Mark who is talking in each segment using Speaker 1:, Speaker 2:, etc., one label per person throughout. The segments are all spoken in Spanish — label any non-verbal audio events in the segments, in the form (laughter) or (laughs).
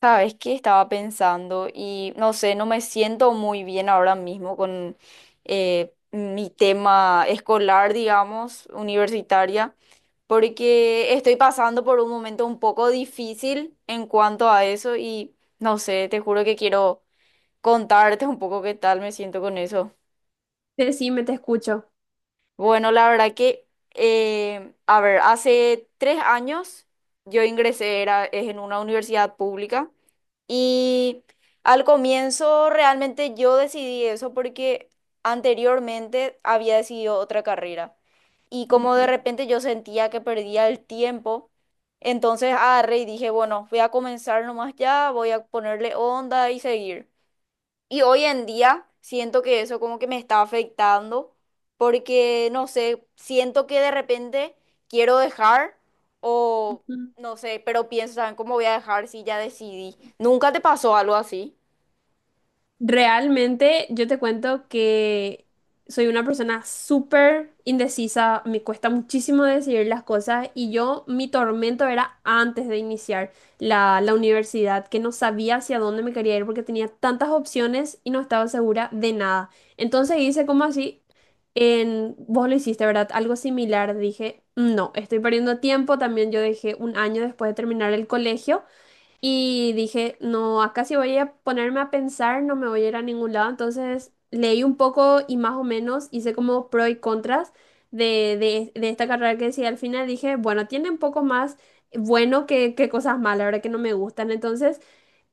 Speaker 1: Sabes que estaba pensando y no sé, no me siento muy bien ahora mismo con mi tema escolar, digamos, universitaria, porque estoy pasando por un momento un poco difícil en cuanto a eso y no sé, te juro que quiero contarte un poco qué tal me siento con eso.
Speaker 2: Decime, te escucho.
Speaker 1: Bueno, la verdad que, a ver, hace 3 años yo es en una universidad pública. Y al comienzo realmente yo decidí eso porque anteriormente había decidido otra carrera. Y como de
Speaker 2: Ujú,
Speaker 1: repente yo sentía que perdía el tiempo, entonces agarré y dije, bueno, voy a comenzar nomás ya, voy a ponerle onda y seguir. Y hoy en día siento que eso como que me está afectando porque, no sé, siento que de repente quiero dejar o
Speaker 2: ujú.
Speaker 1: no sé, pero pienso, ¿saben cómo voy a dejar si ya decidí? ¿Nunca te pasó algo así?
Speaker 2: Realmente yo te cuento que soy una persona súper indecisa, me cuesta muchísimo decidir las cosas y yo mi tormento era antes de iniciar la universidad, que no sabía hacia dónde me quería ir porque tenía tantas opciones y no estaba segura de nada. Entonces hice como así, vos lo hiciste, ¿verdad? Algo similar, dije, no, estoy perdiendo tiempo, también yo dejé 1 año después de terminar el colegio. Y dije, no, acá si voy a ponerme a pensar, no me voy a ir a ningún lado. Entonces leí un poco y más o menos hice como pros y contras de esta carrera que decía al final. Dije, bueno, tiene un poco más bueno que cosas malas, ahora que no me gustan. Entonces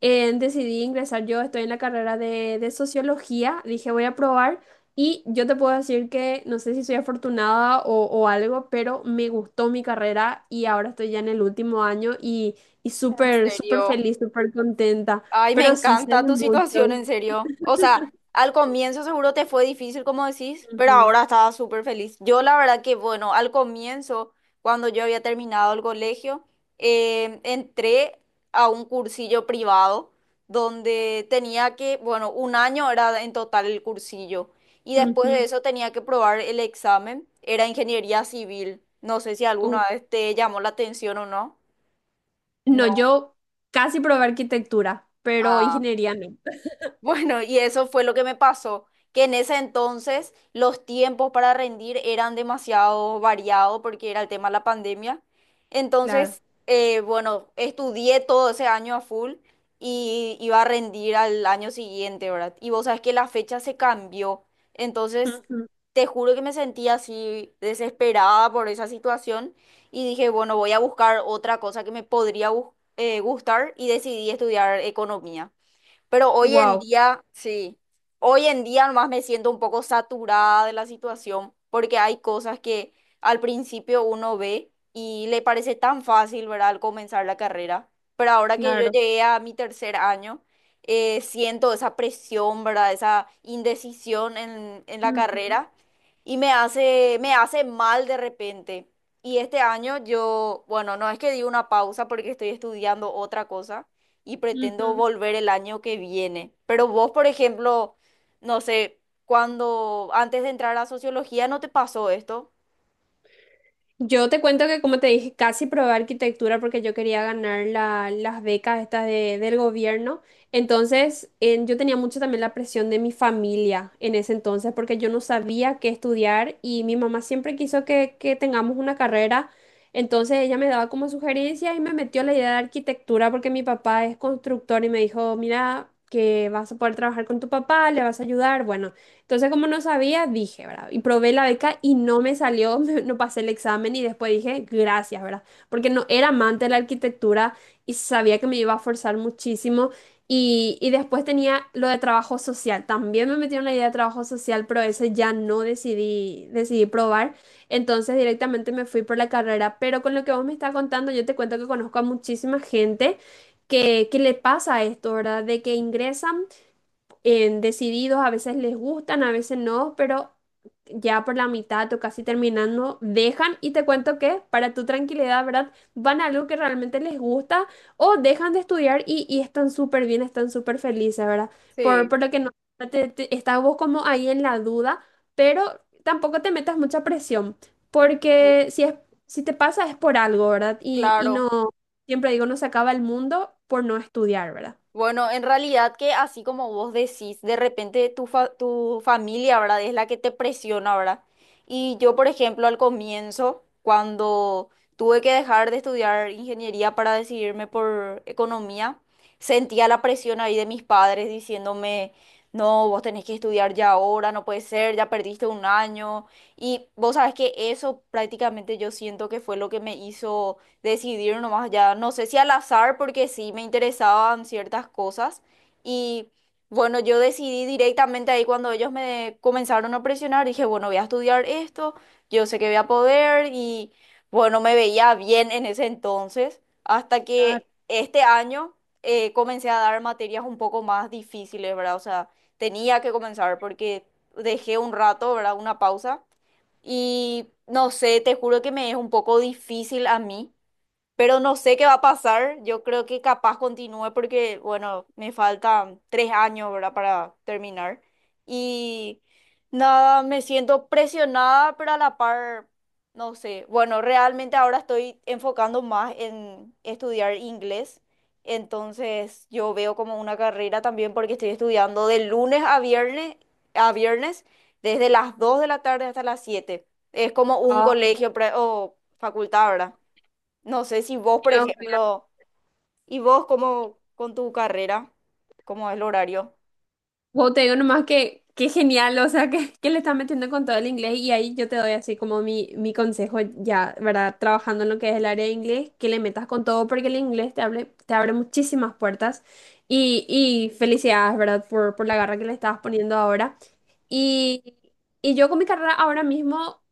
Speaker 2: decidí ingresar, yo estoy en la carrera de sociología, dije voy a probar y yo te puedo decir que no sé si soy afortunada o algo, pero me gustó mi carrera y ahora estoy ya en el último año y
Speaker 1: En
Speaker 2: súper, súper
Speaker 1: serio.
Speaker 2: feliz, súper contenta,
Speaker 1: Ay, me
Speaker 2: pero sí sé
Speaker 1: encanta
Speaker 2: de
Speaker 1: tu situación,
Speaker 2: muchos.
Speaker 1: en serio. O sea, al comienzo seguro te fue difícil, como decís, pero
Speaker 2: Ujú,
Speaker 1: ahora estaba súper feliz. Yo la verdad que, bueno, al comienzo, cuando yo había terminado el colegio, entré a un cursillo privado donde tenía que, bueno, un año era en total el cursillo. Y después de
Speaker 2: ujú.
Speaker 1: eso tenía que probar el examen. Era ingeniería civil. No sé si
Speaker 2: Uh,
Speaker 1: alguna vez te llamó la atención o no.
Speaker 2: No,
Speaker 1: No.
Speaker 2: yo casi probé arquitectura, pero
Speaker 1: Ah.
Speaker 2: ingeniería no,
Speaker 1: Bueno, y eso fue lo que me pasó, que en ese entonces los tiempos para rendir eran demasiado variados porque era el tema de la pandemia.
Speaker 2: claro.
Speaker 1: Entonces, bueno, estudié todo ese año a full y iba a rendir al año siguiente, ¿verdad? Y vos sabés que la fecha se cambió. Entonces, te juro que me sentí así desesperada por esa situación y dije, bueno, voy a buscar otra cosa que me podría gustar y decidí estudiar economía. Pero hoy en
Speaker 2: Wow,
Speaker 1: día, sí, hoy en día nomás me siento un poco saturada de la situación porque hay cosas que al principio uno ve y le parece tan fácil, ¿verdad? Al comenzar la carrera. Pero ahora que yo
Speaker 2: claro.
Speaker 1: llegué a mi tercer año, siento esa presión, ¿verdad? Esa indecisión en la
Speaker 2: Ujú,
Speaker 1: carrera y me hace mal de repente. Y este año yo, bueno, no es que di una pausa porque estoy estudiando otra cosa y pretendo
Speaker 2: ujú.
Speaker 1: volver el año que viene. Pero vos, por ejemplo, no sé, cuando antes de entrar a sociología, ¿no te pasó esto?
Speaker 2: Yo te cuento que, como te dije, casi probé arquitectura porque yo quería ganar las becas estas del gobierno. Entonces, yo tenía mucho también la presión de mi familia en ese entonces porque yo no sabía qué estudiar y mi mamá siempre quiso que tengamos una carrera. Entonces, ella me daba como sugerencias y me metió la idea de arquitectura porque mi papá es constructor y me dijo, mira, que vas a poder trabajar con tu papá, le vas a ayudar. Bueno. Entonces, como no sabía, dije, ¿verdad? Y probé la beca y no me salió, (laughs) no pasé el examen y después dije, gracias, ¿verdad? Porque no era amante de la arquitectura y sabía que me iba a forzar muchísimo. Y después tenía lo de trabajo social. También me metieron la idea de trabajo social, pero ese ya no decidí, decidí probar. Entonces directamente me fui por la carrera. Pero con lo que vos me estás contando, yo te cuento que conozco a muchísima gente que le pasa esto, ¿verdad? De que ingresan en decididos, a veces les gustan, a veces no, pero ya por la mitad o casi terminando, dejan y te cuento que para tu tranquilidad, ¿verdad? Van a algo que realmente les gusta o dejan de estudiar y están súper bien, están súper felices, ¿verdad? Por,
Speaker 1: Sí,
Speaker 2: por lo que no, te, estás vos como ahí en la duda, pero tampoco te metas mucha presión,
Speaker 1: Bu-
Speaker 2: porque si te pasa es por algo, ¿verdad? Y
Speaker 1: Claro.
Speaker 2: no, siempre digo, no se acaba el mundo por no estudiar, ¿verdad?
Speaker 1: Bueno, en realidad que así como vos decís, de repente tu familia, ¿verdad? Es la que te presiona, ¿verdad? Y yo, por ejemplo, al comienzo, cuando tuve que dejar de estudiar ingeniería para decidirme por economía, sentía la presión ahí de mis padres diciéndome, no, vos tenés que estudiar ya ahora, no puede ser, ya perdiste un año. Y vos sabes que eso prácticamente yo siento que fue lo que me hizo decidir nomás ya, no sé si al azar, porque sí me interesaban ciertas cosas. Y bueno, yo decidí directamente ahí cuando ellos me comenzaron a presionar, dije, bueno, voy a estudiar esto, yo sé que voy a poder y bueno, me veía bien en ese entonces, hasta que este año comencé a dar materias un poco más difíciles, ¿verdad? O sea, tenía que comenzar porque dejé un rato, ¿verdad? Una pausa. Y no sé, te juro que me es un poco difícil a mí, pero no sé qué va a pasar. Yo creo que capaz continúe porque, bueno, me faltan 3 años, ¿verdad? Para terminar. Y nada, me siento presionada, pero a la par, no sé. Bueno, realmente ahora estoy enfocando más en estudiar inglés. Entonces yo veo como una carrera también porque estoy estudiando de lunes a viernes, a viernes, desde las 2:00 de la tarde hasta las 7:00. Es como un
Speaker 2: Ah,
Speaker 1: colegio o facultad, ¿verdad? No sé si vos, por
Speaker 2: Dios mío.
Speaker 1: ejemplo, y vos cómo con tu carrera, cómo es el horario.
Speaker 2: Wow, te digo nomás que qué genial, o sea, que le estás metiendo con todo el inglés y ahí yo te doy así como mi consejo ya, ¿verdad? Trabajando en lo que es el área de inglés, que le metas con todo porque el inglés te abre muchísimas puertas y felicidades, ¿verdad? Por la garra que le estabas poniendo ahora. Y, y yo con mi carrera ahora mismo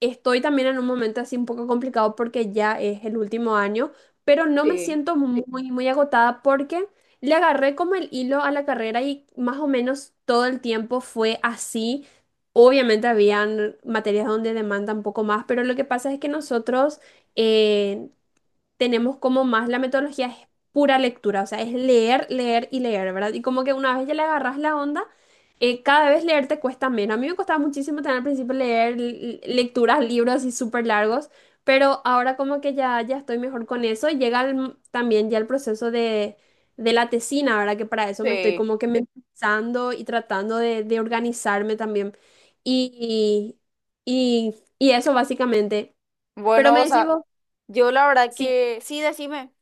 Speaker 2: estoy también en un momento así un poco complicado porque ya es el último año, pero no me siento muy, muy agotada porque le agarré como el hilo a la carrera y más o menos todo el tiempo fue así. Obviamente habían materias donde demanda un poco más, pero lo que pasa es que nosotros eh, tenemos como más la metodología es pura lectura, o sea, es leer, leer y leer, ¿verdad? Y como que una vez ya le agarras la onda, cada vez leer te cuesta menos. A mí me costaba muchísimo tener al principio leer lecturas, libros y súper largos, pero ahora como que ya estoy mejor con eso. Y llega también ya el proceso de la tesina, ¿verdad? Que para eso me estoy
Speaker 1: Sí.
Speaker 2: como que pensando y tratando de organizarme también. Y, y eso básicamente. Pero
Speaker 1: Bueno,
Speaker 2: me
Speaker 1: o
Speaker 2: decís
Speaker 1: sea,
Speaker 2: vos.
Speaker 1: yo la verdad
Speaker 2: Sí,
Speaker 1: que sí, decime.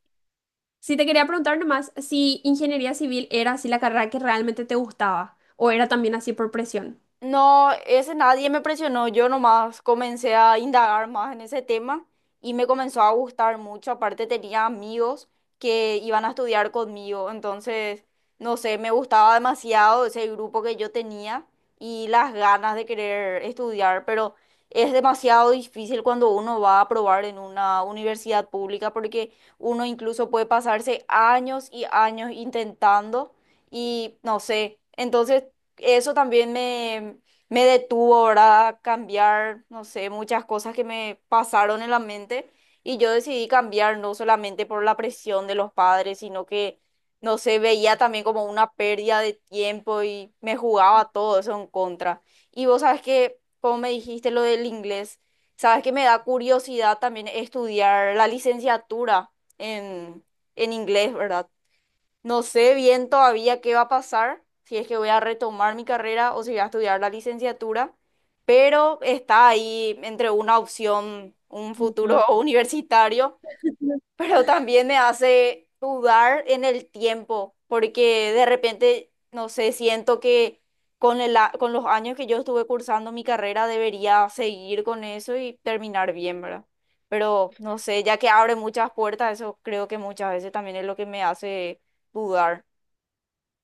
Speaker 2: sí, te quería preguntar nomás si ingeniería civil era así la carrera que realmente te gustaba o era también así por presión.
Speaker 1: No, ese nadie me presionó, yo nomás comencé a indagar más en ese tema y me comenzó a gustar mucho, aparte tenía amigos que iban a estudiar conmigo, entonces, no sé, me gustaba demasiado ese grupo que yo tenía y las ganas de querer estudiar, pero es demasiado difícil cuando uno va a probar en una universidad pública porque uno incluso puede pasarse años y años intentando y no sé, entonces eso me detuvo, ¿verdad? A cambiar, no sé, muchas cosas que me pasaron en la mente y yo decidí cambiar no solamente por la presión de los padres, sino que, no sé, veía también como una pérdida de tiempo y me jugaba todo eso en contra. Y vos sabes que, como me dijiste lo del inglés, sabes que me da curiosidad también estudiar la licenciatura en, en inglés, ¿verdad? No sé bien todavía qué va a pasar, si es que voy a retomar mi carrera o si voy a estudiar la licenciatura, pero está ahí entre una opción, un futuro
Speaker 2: Ujú.
Speaker 1: (laughs) universitario, pero también me hace dudar en el tiempo, porque de repente, no sé, siento que con los años que yo estuve cursando mi carrera debería seguir con eso y terminar bien, ¿verdad? Pero no sé, ya que abre muchas puertas, eso creo que muchas veces también es lo que me hace dudar.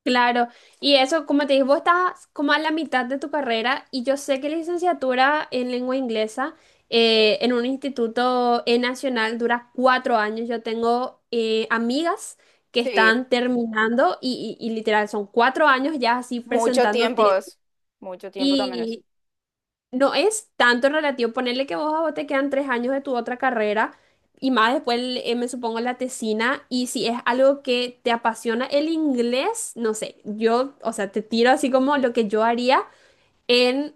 Speaker 2: Claro, y eso, como te dije, vos estás como a la mitad de tu carrera y yo sé que la licenciatura en lengua inglesa en un instituto nacional dura 4 años. Yo tengo amigas que
Speaker 1: Sí,
Speaker 2: están terminando y literal son 4 años ya así
Speaker 1: mucho
Speaker 2: presentando
Speaker 1: tiempo es. Mucho tiempo también es.
Speaker 2: tesis. No es tanto relativo. Ponerle que vos a vos te quedan 3 años de tu otra carrera y más después, me supongo, la tesina. Y si es algo que te apasiona el inglés, no sé, yo, o sea, te tiro así como lo que yo haría, en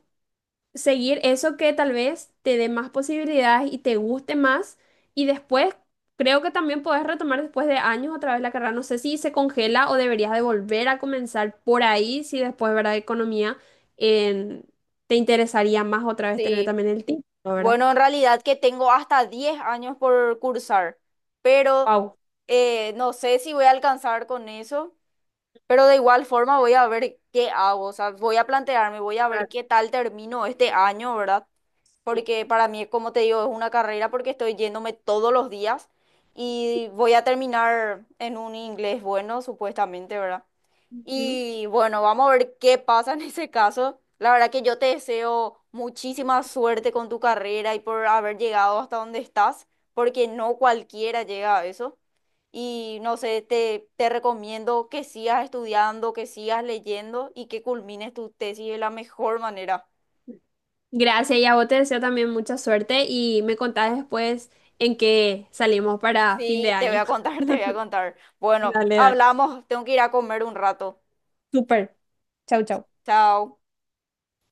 Speaker 2: seguir eso que tal vez te dé más posibilidades y te guste más. Y después, creo que también podés retomar después de años otra vez la carrera. No sé si se congela o deberías de volver a comenzar por ahí, si después, ¿verdad? Economía, en- te interesaría más otra vez tener
Speaker 1: Sí,
Speaker 2: también el título, ¿verdad?
Speaker 1: bueno, en realidad que tengo hasta 10 años por cursar, pero
Speaker 2: Wow.
Speaker 1: eh, no sé si voy a alcanzar con eso, pero de igual forma voy a ver qué hago, o sea, voy a plantearme, voy a ver
Speaker 2: Claro,
Speaker 1: qué tal termino este año, ¿verdad?
Speaker 2: sí.
Speaker 1: Porque para mí, como te digo, es una carrera porque estoy yéndome todos los días y voy a terminar en un inglés bueno, supuestamente, ¿verdad?
Speaker 2: Ujú.
Speaker 1: Y bueno, vamos a ver qué pasa en ese caso. La verdad que yo te deseo muchísima suerte con tu carrera y por haber llegado hasta donde estás, porque no cualquiera llega a eso. Y no sé, te recomiendo que sigas estudiando, que sigas leyendo y que culmines tu tesis de la mejor manera.
Speaker 2: Gracias y a vos te deseo también mucha suerte y me contás después en qué salimos para fin de
Speaker 1: Sí, te voy
Speaker 2: año.
Speaker 1: a
Speaker 2: (laughs)
Speaker 1: contar, (laughs) te voy a contar. Bueno,
Speaker 2: Dale, dale.
Speaker 1: hablamos, tengo que ir a comer un rato.
Speaker 2: Súper. Chau, chau.
Speaker 1: Chao.